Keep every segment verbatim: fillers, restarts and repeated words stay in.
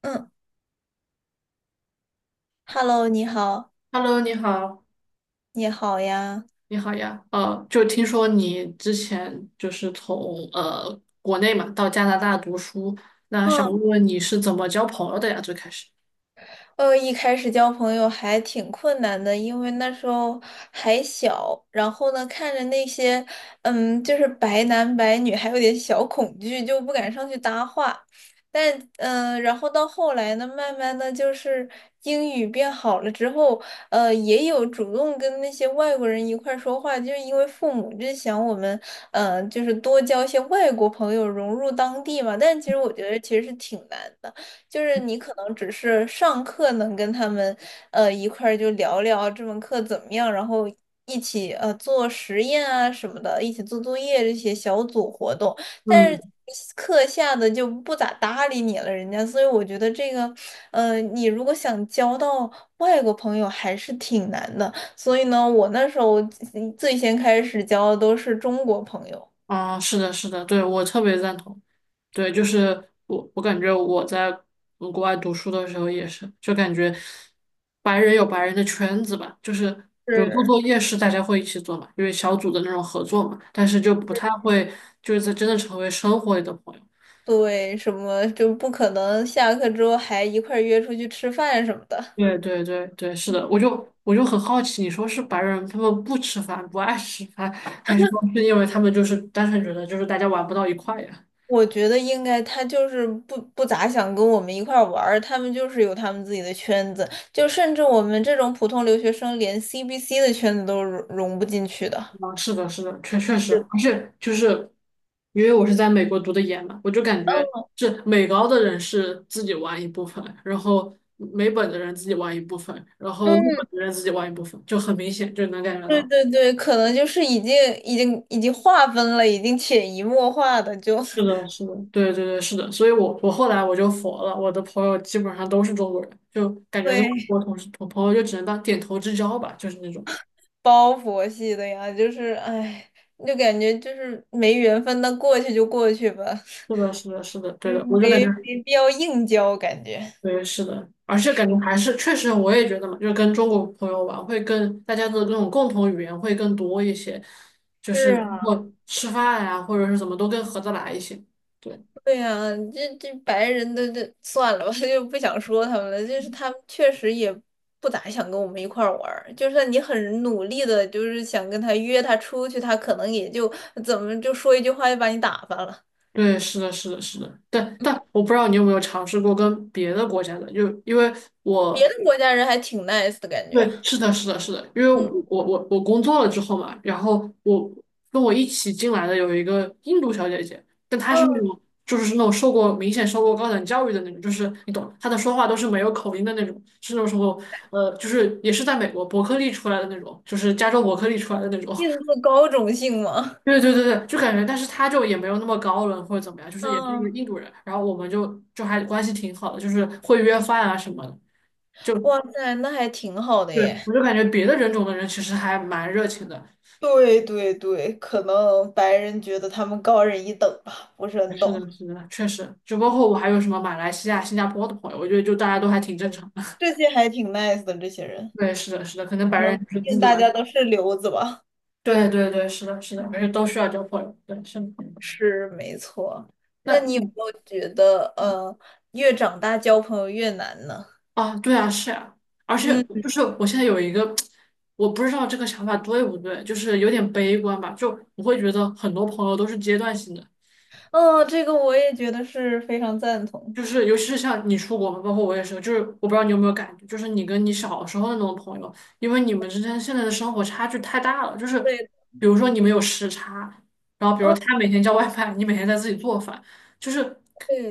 嗯，Hello，你好，Hello，你好，你好呀。你好呀。呃，就听说你之前就是从呃国内嘛到加拿大读书，那想嗯，问问你是怎么交朋友的呀？最开始。呃，一开始交朋友还挺困难的，因为那时候还小，然后呢，看着那些，嗯，就是白男白女，还有点小恐惧，就不敢上去搭话。但，嗯、然后到后来呢，慢慢的就是英语变好了之后，呃，也有主动跟那些外国人一块儿说话，就是因为父母就想我们，呃，就是多交一些外国朋友，融入当地嘛。但其实我觉得其实是挺难的。就是你可能只是上课能跟他们呃一块儿就聊聊这门课怎么样，然后一起呃做实验啊什么的，一起做作业这些小组活动，但嗯。是课下的就不咋搭理你了，人家，所以我觉得这个呃你如果想交到外国朋友还是挺难的，所以呢，我那时候最先开始交的都是中国朋友。啊，是的，是的，对，我特别赞同。对，就是我，我感觉我在嗯国外读书的时候也是，就感觉白人有白人的圈子吧，就是比如做是。作业是大家会一起做嘛，因为小组的那种合作嘛，但是就不太会就是在真的成为生活里的朋友。对，什么就不可能下课之后还一块儿约出去吃饭什么的。对对对对，是的，我就我就很好奇，你说是白人他们不吃饭，不爱吃饭，还是说是因为他们就是单纯觉得就是大家玩不到一块呀？我觉得应该他就是不不咋想跟我们一块儿玩儿，他们就是有他们自己的圈子，就甚至我们这种普通留学生连 C B C 的圈子都融融不进去的。啊，是的，是的，确确实，是。而且就是因为我是在美国读的研嘛，我就感觉是美高的人是自己玩一部分，然后美本的人自己玩一部分，然后陆本嗯，的人自己玩一部分，就很明显就能感觉对到。对对，可能就是已经已经已经划分了，已经潜移默化的就 是的，是的，对对对，是的，所以我我后来我就佛了，我的朋友基本上都是中国人，就感觉跟外会国同事同朋友就只能当点头之交吧，就是那种。包佛系的呀，就是哎，就感觉就是没缘分，那过去就过去吧。是的，是的，是的，对嗯，的，我就感觉没没必要硬交，感觉。对，是的，而且感觉还是确实，我也觉得嘛，就是跟中国朋友玩会更大家的那种共同语言会更多一些，就是是包啊，括吃饭呀、或者是怎么都更合得来一些。对。对呀、这这白人的这算了吧，就不想说他们了。就是他们确实也不咋想跟我们一块儿玩儿，就算你很努力的，就是想跟他约他出去，他可能也就怎么就说一句话就把你打发了。对，是的，是的，是的，但嗯但我不知道你有没有尝试过跟别的国家的，就因为别我的国家人还挺 nice 的感觉。对，是的，是的，是的，因为嗯，我我我工作了之后嘛，然后我跟我一起进来的有一个印度小姐姐，但她是那嗯，种就是那种受过明显受过高等教育的那种，就是你懂，她的说话都是没有口音的那种，是那种什么呃，就是也是在美国伯克利出来的那种，就是加州伯克利出来的那种。印度高种姓吗？对对对对，就感觉，但是她就也没有那么高冷或者怎么样，就是也是一个嗯，印度人，然后我们就就还关系挺好的，就是会约饭啊什么的。就。哇塞，那还挺好的对，我耶。就感觉别的人种的人其实还蛮热情的。对对对，可能白人觉得他们高人一等吧，不是很是懂。的，是的，确实。就包嗯，括我还有什么马来西亚、新加坡的朋友，我觉得就大家都还挺正常的。这 些还挺 nice 的，这些人，对，是的，是的，可能白可人能就毕是自竟己大玩。家都是留子吧。对对对，是的，是的，而且嗯，都需要交朋友。对，是的。是没错。那那你有没嗯有觉得，嗯呃，越长大交朋友越难呢？啊，对啊，是啊，而且嗯，就是我现在有一个，我不知道这个想法对不对，就是有点悲观吧。就我会觉得很多朋友都是阶段性的。哦，这个我也觉得是非常赞同。就是尤其是像你出国嘛，包括我也是，就是我不知道你有没有感觉，就是你跟你小时候的那种朋友，因为你们之间现在的生活差距太大了，就是对。比如说你们有时差，然后比如嗯，他每天叫外卖，你每天在自己做饭，就是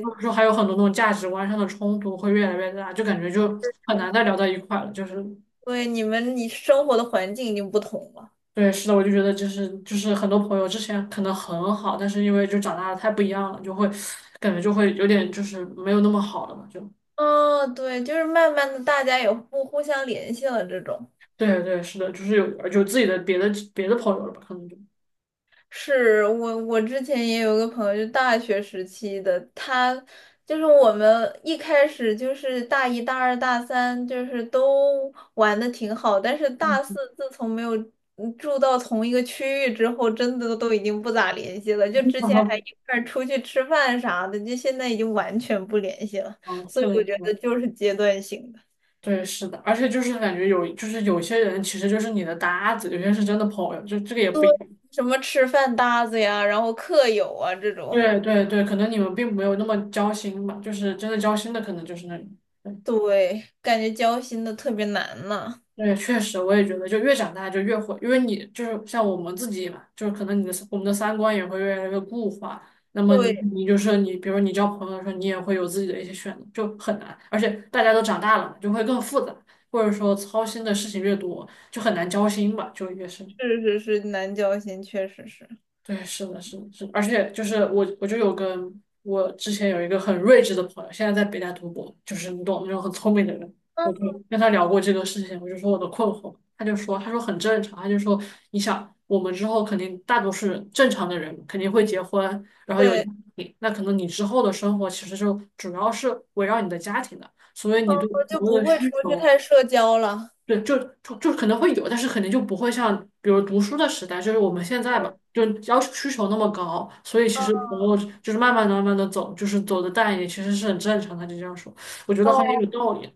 或者说还有很多那种价值观上的冲突会越来越大，就感觉就很难再聊到一块了。就是对，你们你生活的环境已经不同了。对，是的，我就觉得就是就是很多朋友之前可能很好，但是因为就长大的太不一样了，就会感觉就会有点就是没有那么好了嘛，就。嗯，对，就是慢慢的大家也不互相联系了这种。对对，是的，就是有有自己的别的别的朋友了吧，可能就。是我，我之前也有个朋友，就大学时期的，他就是我们一开始就是大一、大二、大三，就是都玩的挺好，但是大嗯。四自从没有嗯住到同一个区域之后，真的都已经不咋联系了。就之前 还一块儿出去吃饭啥的，就现在已经完全不联系了。嗯，所以是我的，是觉的，得就是阶段性的，对，是的，而且就是感觉有，就是有些人其实就是你的搭子，有些是真的朋友，就这个也不一样。什么吃饭搭子呀，然后课友啊这种。对对对，可能你们并没有那么交心吧，就是真的交心的可能就是那里。对，感觉交心的特别难呢。对，确实，我也觉得，就越长大就越会，因为你就是像我们自己嘛，就是可能你的我们的三观也会越来越固化。那么你你就是你，比如你交朋友的时候，你也会有自己的一些选择，就很难。而且大家都长大了嘛，就会更复杂，或者说操心的事情越多，就很难交心吧，就越是。是是是，南交心确实是。对，是的，是的，是的，而且就是我，我就有个我之前有一个很睿智的朋友，现在在北大读博，就是你懂那种很聪明的人，我就嗯，跟他聊过这个事情，我就说我的困惑，他就说，他说很正常，他就说你想我们之后肯定大多数人正常的人肯定会结婚，然后有家对，庭，那可能你之后的生活其实就主要是围绕你的家庭的，所以嗯，你对朋就友不的会需出去求。太社交了。对，就就就可能会有，但是肯定就不会像比如读书的时代，就是我们现在吧，就要求需求那么高，所以其嗯。实朋友就是慢慢的、慢慢的走，就是走的淡一点，其实是很正常的。就这样说，我觉得好像也有哦，道理。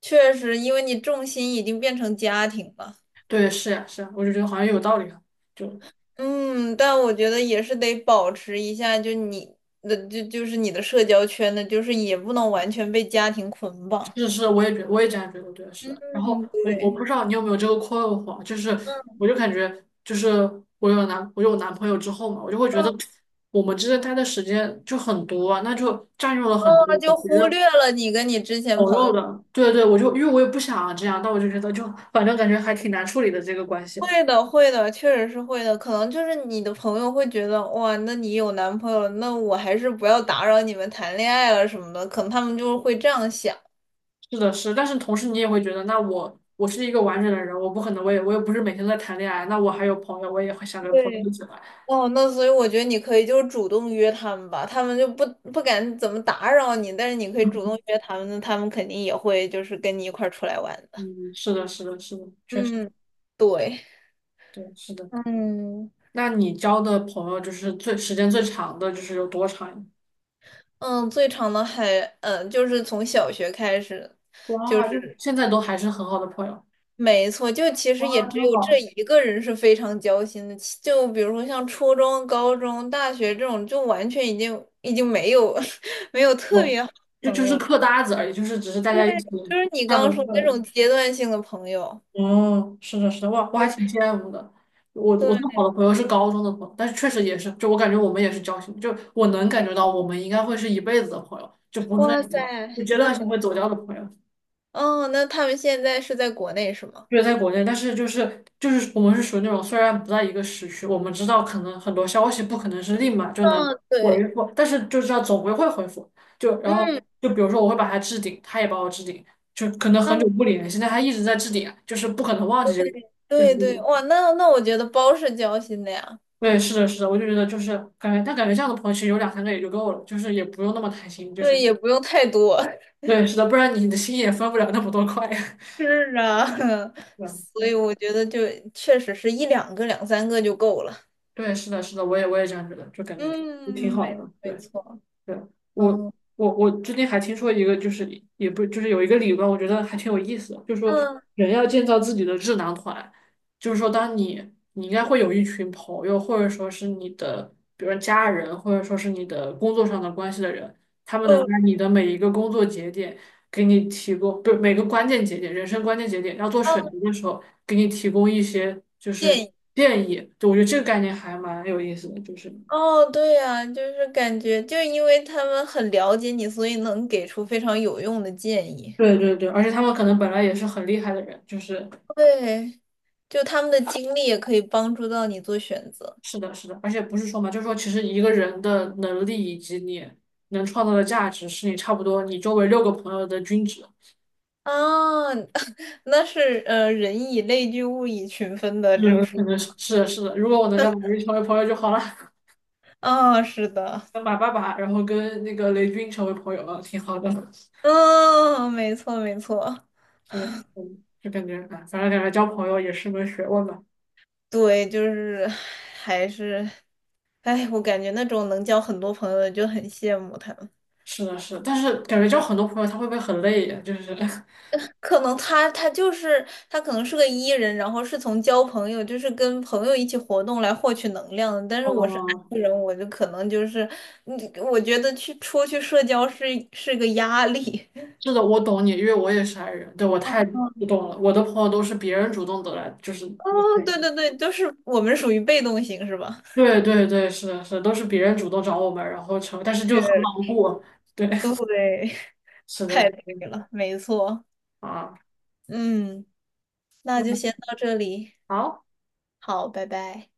确实，因为你重心已经变成家庭了。对，是呀、是呀、我就觉得好像有道理啊。就嗯，但我觉得也是得保持一下，就你的就就是你的社交圈的，就是也不能完全被家庭捆绑。是是，我也觉我也这样觉得，对，是。然后嗯，我我对，不知道你有没有这个困惑，就是嗯，我就感觉就是我有男我有男朋友之后嘛，我就会觉得我们之间待的时间就很多啊，那就占用了哦，很多就我觉忽略得。了你跟你之前朋朋友友。的，对对，我就因为我也不想这样，但我就觉得就反正感觉还挺难处理的这个关系。会的，会的，确实是会的。可能就是你的朋友会觉得，哇，那你有男朋友了，那我还是不要打扰你们谈恋爱了什么的。可能他们就会这样想。是的，是，但是同时你也会觉得，那我我是一个完整的人，我不可能，我也我也不是每天都在谈恋爱，那我还有朋友，我也会想跟朋友对，一起玩。哦，那所以我觉得你可以就是主动约他们吧，他们就不不敢怎么打扰你，但是你可以主动约他们，那他们肯定也会就是跟你一块儿出来玩的。嗯，是的，是的，是的，确实，嗯，对。对，是的。嗯那你交的朋友就是最时间最长的，就是有多长呀？嗯，最长的还，嗯就是从小学开始，就哇，就是。现在都还是很好的朋友。没错，就其实哇，也只真有这好。一个人是非常交心的，其就比如说像初中、高中、大学这种，就完全已经已经没有 没有特哦，别好的就朋就是友。课搭子而已，就是只是大对，家一起就是你上刚个刚说那课。种阶段性的朋友。哦，是的，是的，我我还挺羡慕的。我我对，最好的朋友是高中的朋友，但是确实也是，就我感觉我们也是交心，就我能感觉到我们应该会是一辈子的朋友，就不是那哇塞，种就阶那段性会很，走掉的朋友。哦，那他们现在是在国内是吗？就是在国内，但是就是就是我们是属于那种虽然不在一个时区，我们知道可能很多消息不可能是立马就能嗯，回对，复，但是就知道总归会回复。就然后嗯，就比如说我会把他置顶，他也把我置顶，就可能很嗯，久不联系，但他一直在置顶啊就是不可能忘记这个人就是对这对，种。哇，那那我觉得包是交心的呀。对，是的，是的，我就觉得就是感觉，但感觉这样的朋友其实有两三个也就够了，就是也不用那么贪心，就是对，也不用太多。对，是的，不然你的心也分不了那么多块。是啊，对，所对，以我觉得就确实是一两个、两三个就够了。对，是的，是的，我也我也这样觉得，就感觉就挺嗯，好没的，没对。错。对，我嗯我我最近还听说一个，就是也不就是有一个理论，我觉得还挺有意思的，就是说嗯人要建造自己的智囊团，就是说当你你应该会有一群朋友，或者说是你的，比如说家人，或者说是你的工作上的关系的人，他们能嗯在你的每一个工作节点给你提供，不是每个关键节点，人生关键节点要做嗯，选择的时候，给你提供一些就建是议。建议，就我觉得这个概念还蛮有意思的，就是。哦，对呀，就是感觉，就因为他们很了解你，所以能给出非常有用的建议。对对对，而且他们可能本来也是很厉害的人，就是对，就他们的经历也可以帮助到你做选择是的，是的，而且不是说嘛，就是说其实一个人的能力以及你能创造的价值，是你差不多你周围六个朋友的均值。啊。那是呃，人以类聚，物以群分的是就的是可能是是的，是的。如果我能跟马云成为朋友就好了。啊，是的，跟马爸爸，然后跟那个雷军成为朋友了，挺好的。嗯，没错，没错。是的，嗯，就感觉哎，反正感觉交朋友也是门学问吧。对，就是还是，哎，我感觉那种能交很多朋友的就很羡慕他们。是的，是的，但是感觉交很多朋友他会不会很累呀？就是。可能他他就是他可能是个 E 人，然后是从交朋友，就是跟朋友一起活动来获取能量的。但是我是 哦 I 人，我就可能就是，嗯我觉得去出去社交是是个压力。是的，我懂你，因为我也是 I 人，对，我太不 懂了。我的朋友都是别人主动得来，就是哦，你，对对对，就是我们属于被动型是吧？对对对，是的，是的，都是别人主动找我们，然后成，但是就很对，牢固，对。对，是的，太对是的了，没错。啊，嗯，那就嗯，先到这里，好。好，拜拜。